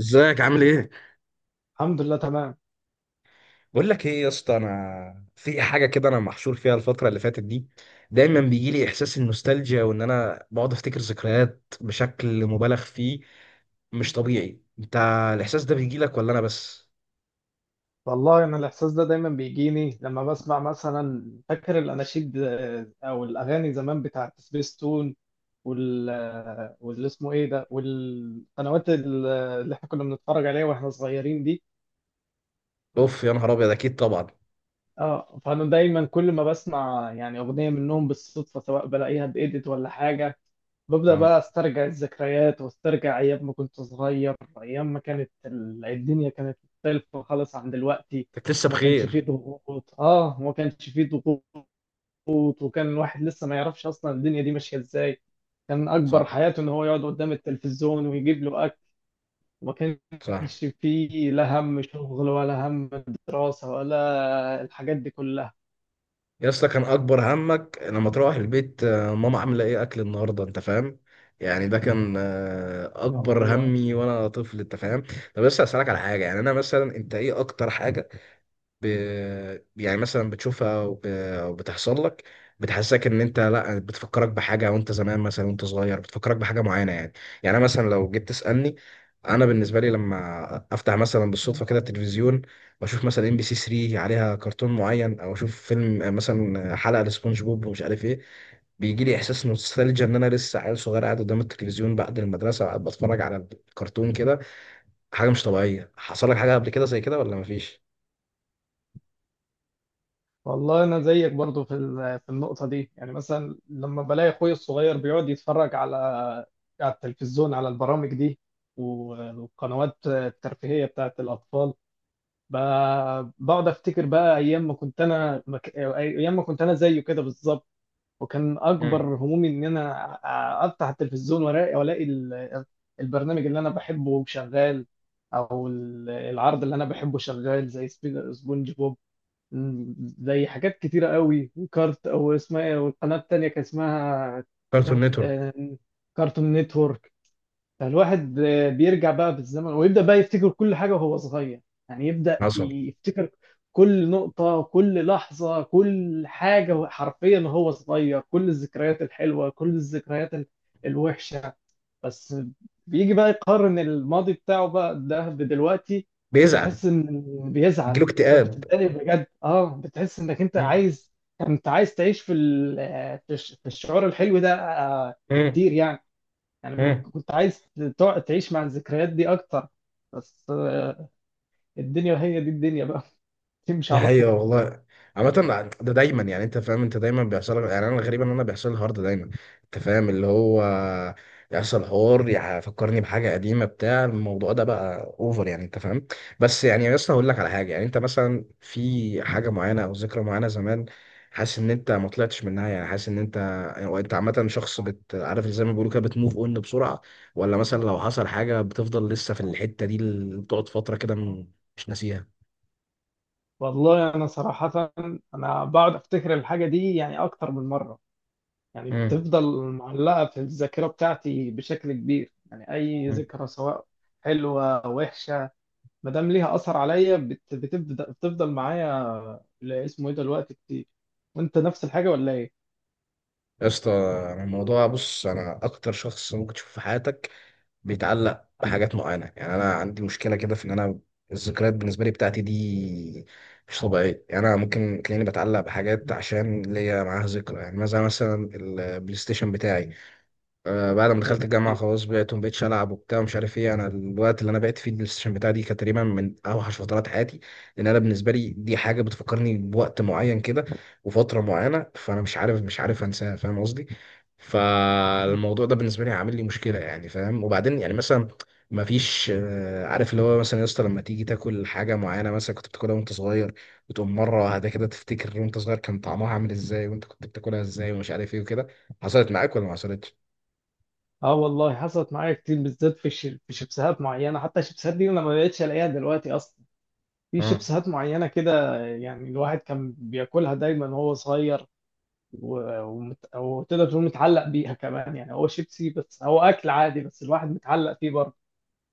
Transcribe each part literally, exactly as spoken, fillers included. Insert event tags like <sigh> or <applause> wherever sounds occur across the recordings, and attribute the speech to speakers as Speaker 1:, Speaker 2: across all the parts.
Speaker 1: ازيك عامل ايه؟
Speaker 2: الحمد لله تمام.
Speaker 1: بقول لك ايه يا اسطى، انا في حاجه كده انا محشور فيها الفتره اللي فاتت دي. دايما بيجي لي احساس النوستالجيا وان انا بقعد افتكر ذكريات بشكل مبالغ فيه. مش طبيعي. انت الاحساس ده بيجي لك ولا انا بس؟
Speaker 2: والله انا الاحساس ده دايما بيجيني لما بسمع، مثلا، فاكر الاناشيد، آه، او الاغاني زمان بتاعت سبيس تون، وال آه، واللي اسمه ايه ده والقنوات ال- اللي احنا كنا بنتفرج عليها واحنا صغيرين دي.
Speaker 1: اوف يا نهار ابيض، اكيد طبعا.
Speaker 2: اه، فانا دايما كل ما بسمع يعني اغنيه منهم بالصدفه، سواء بلاقيها بإيديت ولا حاجه، ببدا
Speaker 1: اه.
Speaker 2: بقى استرجع الذكريات واسترجع ايام ما كنت صغير. ايام ما كانت ال- الدنيا كانت مختلفه خالص عن دلوقتي،
Speaker 1: انت لسه
Speaker 2: وما كانش فيه
Speaker 1: بخير.
Speaker 2: ضغوط اه وما كانش فيه ضغوط وكان الواحد لسه ما يعرفش اصلا الدنيا دي ماشيه ازاي، كان اكبر
Speaker 1: صح.
Speaker 2: حياته ان هو يقعد قدام التلفزيون ويجيب له اكل، وما
Speaker 1: صح
Speaker 2: كانش فيه لا هم شغل ولا هم دراسه ولا الحاجات دي كلها.
Speaker 1: يا اسطى، كان اكبر همك لما تروح البيت آه، ماما عامله ايه اكل النهارده، انت فاهم يعني؟ ده كان آه،
Speaker 2: آه
Speaker 1: اكبر
Speaker 2: والله.
Speaker 1: همي وانا طفل، انت فاهم. طب بس اسالك على حاجه، يعني انا مثلا، انت ايه اكتر حاجه ب... يعني مثلا بتشوفها وب... وبتحصل لك، بتحسسك ان انت لا بتفكرك بحاجه وانت زمان، مثلا وانت صغير بتفكرك بحاجه معينه يعني. يعني أنا مثلا لو جيت تسالني، انا بالنسبه لي لما افتح مثلا
Speaker 2: مم.
Speaker 1: بالصدفه كده التلفزيون واشوف مثلا ام بي سي ثلاثة عليها كرتون معين، او اشوف فيلم مثلا، حلقه لسبونج بوب ومش عارف ايه، بيجي لي احساس نوستالجيا ان انا لسه عيل صغير قاعد قدام التلفزيون بعد المدرسه وقاعد بتفرج على الكرتون كده. حاجه مش طبيعيه، حصل لك حاجه قبل كده زي كده ولا مفيش؟
Speaker 2: والله انا زيك برضو في ال- في النقطه دي، يعني مثلا لما بلاقي اخوي الصغير بيقعد يتفرج على على التلفزيون، على البرامج دي و- والقنوات الترفيهيه بتاعت الاطفال، ب- بقعد افتكر بقى ايام ما كنت انا مك... ايام ما كنت انا زيه كده بالظبط. وكان
Speaker 1: مم.
Speaker 2: اكبر همومي ان انا أ- افتح التلفزيون وألاقي- والاقي ال- البرنامج اللي انا بحبه شغال، او ال- العرض اللي انا بحبه شغال، زي سبي- سبونج بوب، زي حاجات كتيرة قوي، وكارت او اسمها ايه، والقناة التانية كان اسمها
Speaker 1: كارتون
Speaker 2: كارت
Speaker 1: نتورك.
Speaker 2: آه، كارتون نتورك. فالواحد آه، بيرجع بقى بالزمن، ويبدأ بقى يفتكر كل حاجة وهو صغير، يعني يبدأ
Speaker 1: حصل.
Speaker 2: يفتكر كل نقطة، كل لحظة، كل حاجة حرفيا وهو صغير، كل الذكريات الحلوة، كل الذكريات ال- الوحشة. بس بيجي بقى يقارن الماضي بتاعه بقى ده بدلوقتي،
Speaker 1: بيزعل.
Speaker 2: بيحس ان، بيزعل،
Speaker 1: بيجيله
Speaker 2: بت-
Speaker 1: اكتئاب.
Speaker 2: بتتضايق بجد. اه، بتحس انك انت
Speaker 1: مم.
Speaker 2: عايز انت عايز تعيش في ال- في الش- في الشعور الحلو ده آه،
Speaker 1: مم.
Speaker 2: كتير، يعني، يعني ما
Speaker 1: مم.
Speaker 2: كنت عايز تقعد تعيش مع الذكريات دي اكتر. بس آه، الدنيا هي دي الدنيا بقى. <laughs> تمشي
Speaker 1: دي
Speaker 2: على طول.
Speaker 1: حقيقة والله. عامة، ده دايما يعني، انت فاهم، انت دايما بيحصل لك، يعني انا الغريب ان انا بيحصل لي الحوار ده دايما. انت فاهم اللي هو يحصل حوار يفكرني بحاجة قديمة، بتاع الموضوع ده بقى اوفر يعني، انت فاهم. بس يعني، بس هقول لك على حاجة، يعني انت مثلا في حاجة معينة او ذكرى معينة زمان، حاسس ان انت ما طلعتش منها، يعني حاسس ان انت، وانت عامة شخص، بت عارف زي ما بيقولوا كده بتموف اون بسرعة، ولا مثلا لو حصل حاجة بتفضل لسه في الحتة دي اللي بتقعد فترة كده م- مش ناسيها؟
Speaker 2: والله انا صراحة، انا بقعد افتكر الحاجة دي يعني اكتر من مرة، يعني بتفضل معلقة في الذاكرة بتاعتي بشكل كبير، يعني اي
Speaker 1: مم.
Speaker 2: ذكرى، سواء حلوة او وحشة، ما دام ليها اثر عليا، بت- بتبدأ بتفضل معايا ل- اسمه ايه ده الوقت كتير. وانت نفس الحاجة ولا ايه؟
Speaker 1: يا اسطى انا الموضوع، بص، انا اكتر شخص ممكن تشوفه في حياتك بيتعلق بحاجات معينه. يعني انا عندي مشكله كده في ان انا الذكريات بالنسبه لي بتاعتي دي مش طبيعيه. يعني انا ممكن تلاقيني بتعلق بحاجات عشان ليا معاها ذكرى. يعني مثلا مثلا البلاي ستيشن بتاعي، آه، بعد ما دخلت الجامعة
Speaker 2: أيوة.
Speaker 1: خلاص بعت، مبقتش ألعب وبتاع ومش عارف إيه. أنا الوقت اللي أنا بعت فيه البلاي ستيشن بتاعي دي كانت تقريبا من أوحش فترات حياتي. لأن أنا بالنسبة لي دي حاجة بتفكرني بوقت معين كده وفترة معينة. فأنا مش عارف مش عارف أنساها، فاهم قصدي؟ فالموضوع ده بالنسبة لي عامل لي مشكلة يعني، فاهم؟ وبعدين يعني مثلا مفيش، آه، عارف اللي هو مثلا، يا اسطى، لما تيجي تاكل حاجة معينة مثلا كنت بتاكلها وأنت صغير، وتقوم مرة واحدة كده تفتكر وأنت صغير كان طعمها عامل إزاي وأنت كنت بتاكلها إزاي ومش عارف إيه وكده، حصلت معاك ولا ما حصلتش؟
Speaker 2: اه والله، حصلت معايا كتير، بالذات في الش- في شيبسات معينه، حتى الشيبسات دي انا ما بقتش الاقيها دلوقتي اصلا. في
Speaker 1: مم.
Speaker 2: شيبسات معينه كده، يعني الواحد كان بياكلها دايما وهو صغير، و- ومت- وتقدر تقول متعلق بيها كمان، يعني هو شيبسي بس، هو اكل عادي، بس الواحد متعلق فيه برضه.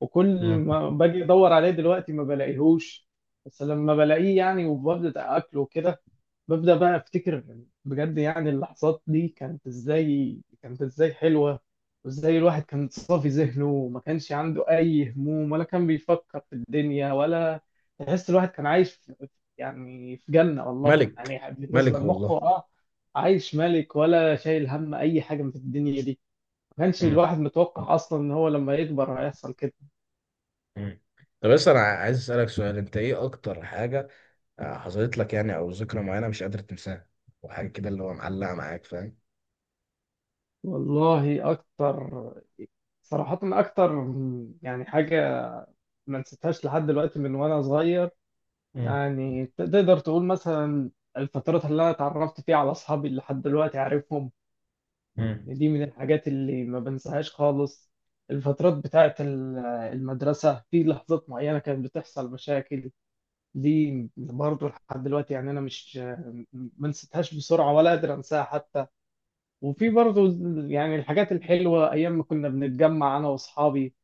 Speaker 2: وكل
Speaker 1: مم.
Speaker 2: ما باجي ادور عليه دلوقتي ما بلاقيهوش، بس لما بلاقيه، يعني وببدا اكله كده، ببدأ بقى أفتكر بجد، يعني اللحظات دي كانت إزاي، كانت إزاي حلوة، وإزاي الواحد كان صافي ذهنه، وما كانش عنده أي هموم، ولا كان بيفكر في الدنيا، ولا، تحس الواحد كان عايش في، يعني في جنة والله،
Speaker 1: ملك.
Speaker 2: يعني
Speaker 1: ملك
Speaker 2: بالنسبة لمخه،
Speaker 1: والله.
Speaker 2: أه عايش ملك، ولا شايل هم أي حاجة من الدنيا دي. ما كانش
Speaker 1: مم.
Speaker 2: الواحد متوقع أصلا إن هو لما يكبر هيحصل كده.
Speaker 1: مم. طب بس انا عايز اسالك سؤال، انت ايه اكتر حاجه آه، حصلت لك يعني، او ذكرى معينه مش قادر تنساها وحاجه كده اللي هو معلقه معاك، فاهم؟
Speaker 2: والله أكتر، صراحة أكتر، يعني حاجة ما نسيتهاش لحد دلوقتي من وأنا صغير.
Speaker 1: مم.
Speaker 2: يعني تقدر تقول مثلا الفترات اللي انا اتعرفت فيها على اصحابي اللي لحد دلوقتي عارفهم،
Speaker 1: مم.
Speaker 2: يعني دي من الحاجات اللي ما بنساهاش خالص. الفترات بتاعت ال- المدرسة، في لحظات معينة كانت بتحصل مشاكل، دي برضه لحد دلوقتي، يعني أنا مش، ما نسيتهاش بسرعة ولا قادر أنساها حتى. وفي برضه، يعني الحاجات الحلوة، أيام ما كنا بنتجمع أنا وأصحابي،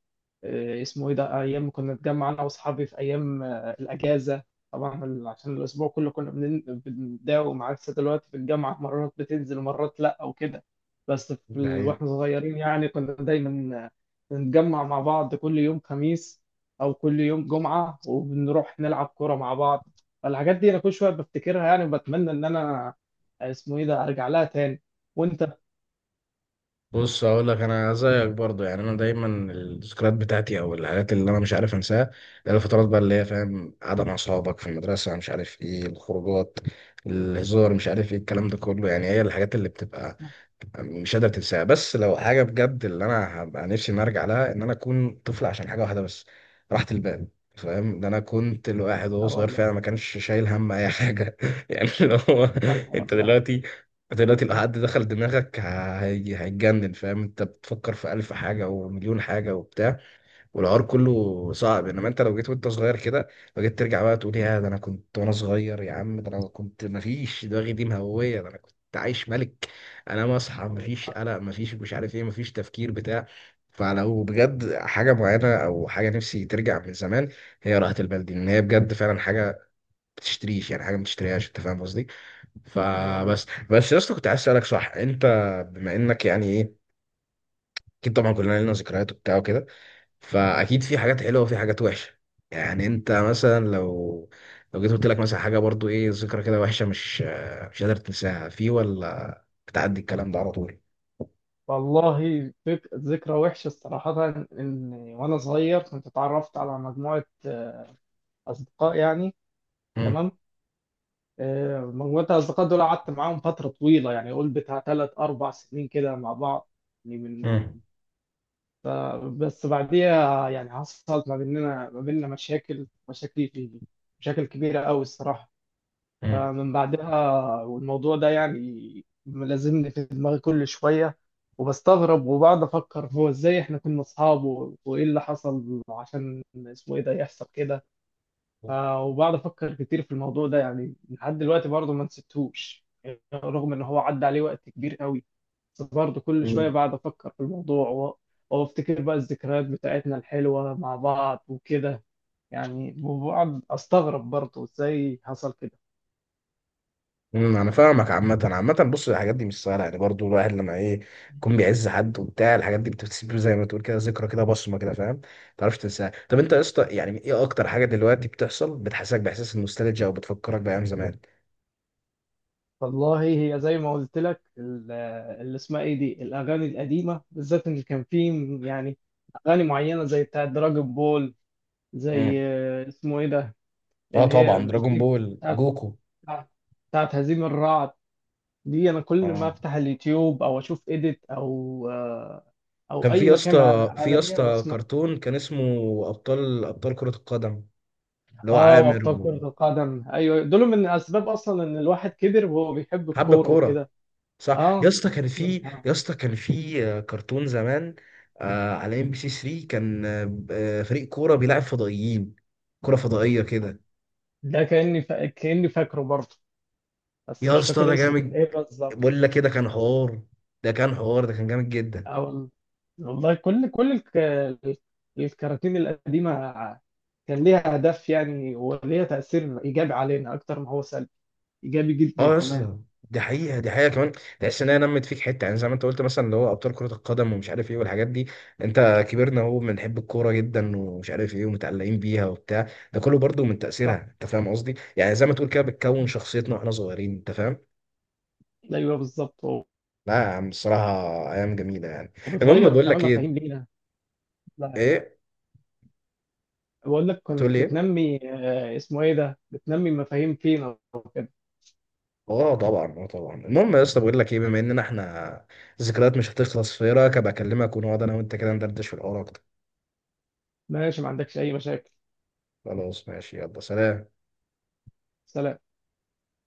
Speaker 2: آه، اسمه ايه ده ايام ما كنا نتجمع انا واصحابي في ايام آه، الاجازه. طبعا ال- عشان الاسبوع كله كنا بنن- بنداوم، عكس دلوقتي في الجامعه، مرات بتنزل ومرات لا وكده. بس في
Speaker 1: ده
Speaker 2: ال...
Speaker 1: حقيقة.
Speaker 2: واحنا صغيرين يعني كنا دايما آه، نتجمع مع بعض كل يوم خميس او كل يوم جمعه، وبنروح نلعب كوره مع بعض. فالحاجات دي انا كل شويه بفتكرها، يعني وبتمنى ان انا آه، اسمه ايه ده ارجع لها تاني. وانت؟
Speaker 1: بص هقول لك، انا زيك برضه يعني. انا دايما الذكريات بتاعتي او الحاجات اللي انا مش عارف انساها اللي هي الفترات بقى اللي هي، فاهم، قعده مع اصحابك في المدرسه، مش عارف ايه الخروجات، الهزار، مش عارف ايه، الكلام ده كله. يعني هي الحاجات اللي بتبقى مش قادر تنساها. بس لو حاجه بجد اللي انا هبقى نفسي اني ارجع لها ان انا اكون طفل عشان حاجه واحده بس، راحه البال، فاهم. ده انا كنت الواحد وهو
Speaker 2: اه
Speaker 1: صغير
Speaker 2: والله،
Speaker 1: فعلا ما كانش شايل هم اي حاجه <laughs> يعني، اللي هو
Speaker 2: اه
Speaker 1: انت
Speaker 2: والله،
Speaker 1: دلوقتي، دلوقتي لو حد دخل دماغك هي- هيتجنن، فاهم. انت بتفكر في ألف حاجة ومليون حاجة وبتاع، والعار كله صعب. انما انت لو جيت وانت صغير كده، لو جيت ترجع بقى تقول يا ده انا كنت وانا صغير، يا عم ده انا كنت مفيش دماغي دي مهوية، ده انا كنت عايش ملك. انا مصحى،
Speaker 2: اه
Speaker 1: مفيش
Speaker 2: والله،
Speaker 1: قلق، مفيش مش عارف ايه، مفيش تفكير بتاع فلو بجد حاجة معينة أو حاجة نفسي ترجع من زمان، هي راحة البال دي، لأن هي بجد فعلا حاجة بتشتريش، يعني حاجة ما بتشتريهاش، أنت فاهم قصدي؟
Speaker 2: اه والله.
Speaker 1: فبس بس يا اسطى، كنت عايز اسالك، صح، انت بما انك يعني ايه، اكيد طبعا كلنا لنا ذكريات وبتاع وكده، فاكيد في حاجات حلوه وفي حاجات وحشه. يعني انت مثلا لو، لو جيت قلت لك مثلا حاجه، برضو ايه ذكرى كده وحشه مش مش قادر تنساها في، ولا بتعدي الكلام ده على طول؟
Speaker 2: والله ذك- ذكرى وحشة صراحة، إن وأنا صغير كنت اتعرفت على مجموعة آه، أصدقاء يعني، تمام. آه، مجموعة الأصدقاء دول قعدت معاهم فترة طويلة، يعني قول بتاع تلات أربع سنين كده مع بعض، يعني من،
Speaker 1: امم
Speaker 2: ف- بس بعديها يعني حصلت ما بيننا ما بيننا مشاكل مشاكل في مشاكل كبيرة أوي الصراحة. فمن بعدها، والموضوع ده يعني ملازمني في دماغي كل شوية، وبستغرب وبقعد أفكر، هو إزاي إحنا كنا أصحاب و- وإيه اللي حصل عشان اسمه إيه ده يحصل كده. ف- وبقعد أفكر كتير في الموضوع ده، يعني لحد دلوقتي برضه ما نسيتهوش، يعني رغم إن هو عدى عليه وقت كبير قوي، بس برضه كل
Speaker 1: امم
Speaker 2: شوية بقعد أفكر في الموضوع و- وأفتكر بقى الذكريات بتاعتنا الحلوة مع بعض وكده، يعني وبقعد أستغرب برضه إزاي حصل كده.
Speaker 1: امم انا فاهمك. عامة، عامة، بص الحاجات دي مش سهلة، يعني برضو الواحد لما ايه يكون بيعز حد وبتاع، الحاجات دي بتسيب زي ما تقول كده ذكرى كده، بصمة كده، فاهم، ما تعرفش تنساها. طب انت يا اسطى يعني ايه اكتر حاجة دلوقتي بتحصل بتحسسك باحساس النوستالجيا او بتفكرك بايام زمان؟
Speaker 2: والله هي زي ما قلت لك، ال- اللي اسمها ايه دي الاغاني القديمه بالذات، ان كان في، يعني، اغاني معينه زي بتاعه دراجون بول،
Speaker 1: مم.
Speaker 2: زي آه، اسمه ايه ده
Speaker 1: اه
Speaker 2: اللي هي
Speaker 1: طبعا، دراجون
Speaker 2: في-
Speaker 1: بول،
Speaker 2: بتاعه
Speaker 1: جوكو.
Speaker 2: بتاعه هزيم الرعد. دي انا كل ما
Speaker 1: اه
Speaker 2: افتح اليوتيوب، او اشوف ايديت او آه، او
Speaker 1: كان في
Speaker 2: اي
Speaker 1: يا
Speaker 2: مكان،
Speaker 1: اسطى، في يا
Speaker 2: الاقيها
Speaker 1: اسطى
Speaker 2: واسمع.
Speaker 1: كرتون كان اسمه ابطال، ابطال كرة القدم، اللي هو
Speaker 2: اه،
Speaker 1: عامر
Speaker 2: وابطال
Speaker 1: و-
Speaker 2: كره القدم، ايوه، دول من اسباب اصلا ان الواحد كبر وهو بيحب
Speaker 1: حب
Speaker 2: الكوره
Speaker 1: الكورة.
Speaker 2: وكده.
Speaker 1: صح يا
Speaker 2: اه،
Speaker 1: اسطى، كان في يا اسطى، كان في آه، كرتون زمان، آه، على ام بي سي تلاتة، كان آه، آه، فريق كوره بيلعب فضائيين، كوره فضائيه كده.
Speaker 2: ده كاني فا... كاني فاكره برضه، بس
Speaker 1: يا
Speaker 2: مش
Speaker 1: اسطى ده
Speaker 2: فاكر اسمه كان
Speaker 1: جامد،
Speaker 2: ايه بالظبط.
Speaker 1: بقول لك كده كان حوار، ده كان حوار، ده كان جامد جدا.
Speaker 2: أو والله، كل كل الك... الكراتين القديمة كان ليها هدف، يعني، وليها تأثير إيجابي علينا أكتر ما هو سلبي، إيجابي جدا
Speaker 1: اه يا
Speaker 2: كمان.
Speaker 1: اسطى، دي حقيقه، دي حقيقه كمان. تحس ان هي نمت فيك حته، يعني زي ما انت قلت مثلا اللي هو ابطال كره القدم ومش عارف ايه والحاجات دي، انت كبرنا اهو بنحب الكوره جدا ومش عارف ايه، ومتعلقين بيها وبتاع. ده كله برضو من تاثيرها،
Speaker 2: صح.
Speaker 1: انت فاهم قصدي؟ يعني زي ما تقول كده، بتكون شخصيتنا واحنا صغيرين، انت فاهم.
Speaker 2: أيوه بالظبط و-
Speaker 1: لا يا عم الصراحة، أيام جميلة يعني. المهم
Speaker 2: وبتغير
Speaker 1: بقول
Speaker 2: كمان
Speaker 1: لك
Speaker 2: مفاهيم
Speaker 1: إيه.
Speaker 2: لينا. لا،
Speaker 1: إيه؟
Speaker 2: بقول لك
Speaker 1: تقول
Speaker 2: كنت
Speaker 1: لي إيه؟
Speaker 2: بتنمي آه، اسمه إيه ده بتنمي مفاهيم فينا وكده.
Speaker 1: آه طبعا، آه طبعا. المهم يا اسطى بقول لك إيه، بما إننا إحنا ذكريات مش هتخلص، في إيه رأيك أبقى أكلمك ونقعد أنا وأنت كده ندردش في الحوار أكتر؟
Speaker 2: ماشي، ما عندكش أي مشاكل.
Speaker 1: خلاص ماشي، يلا سلام.
Speaker 2: سلام.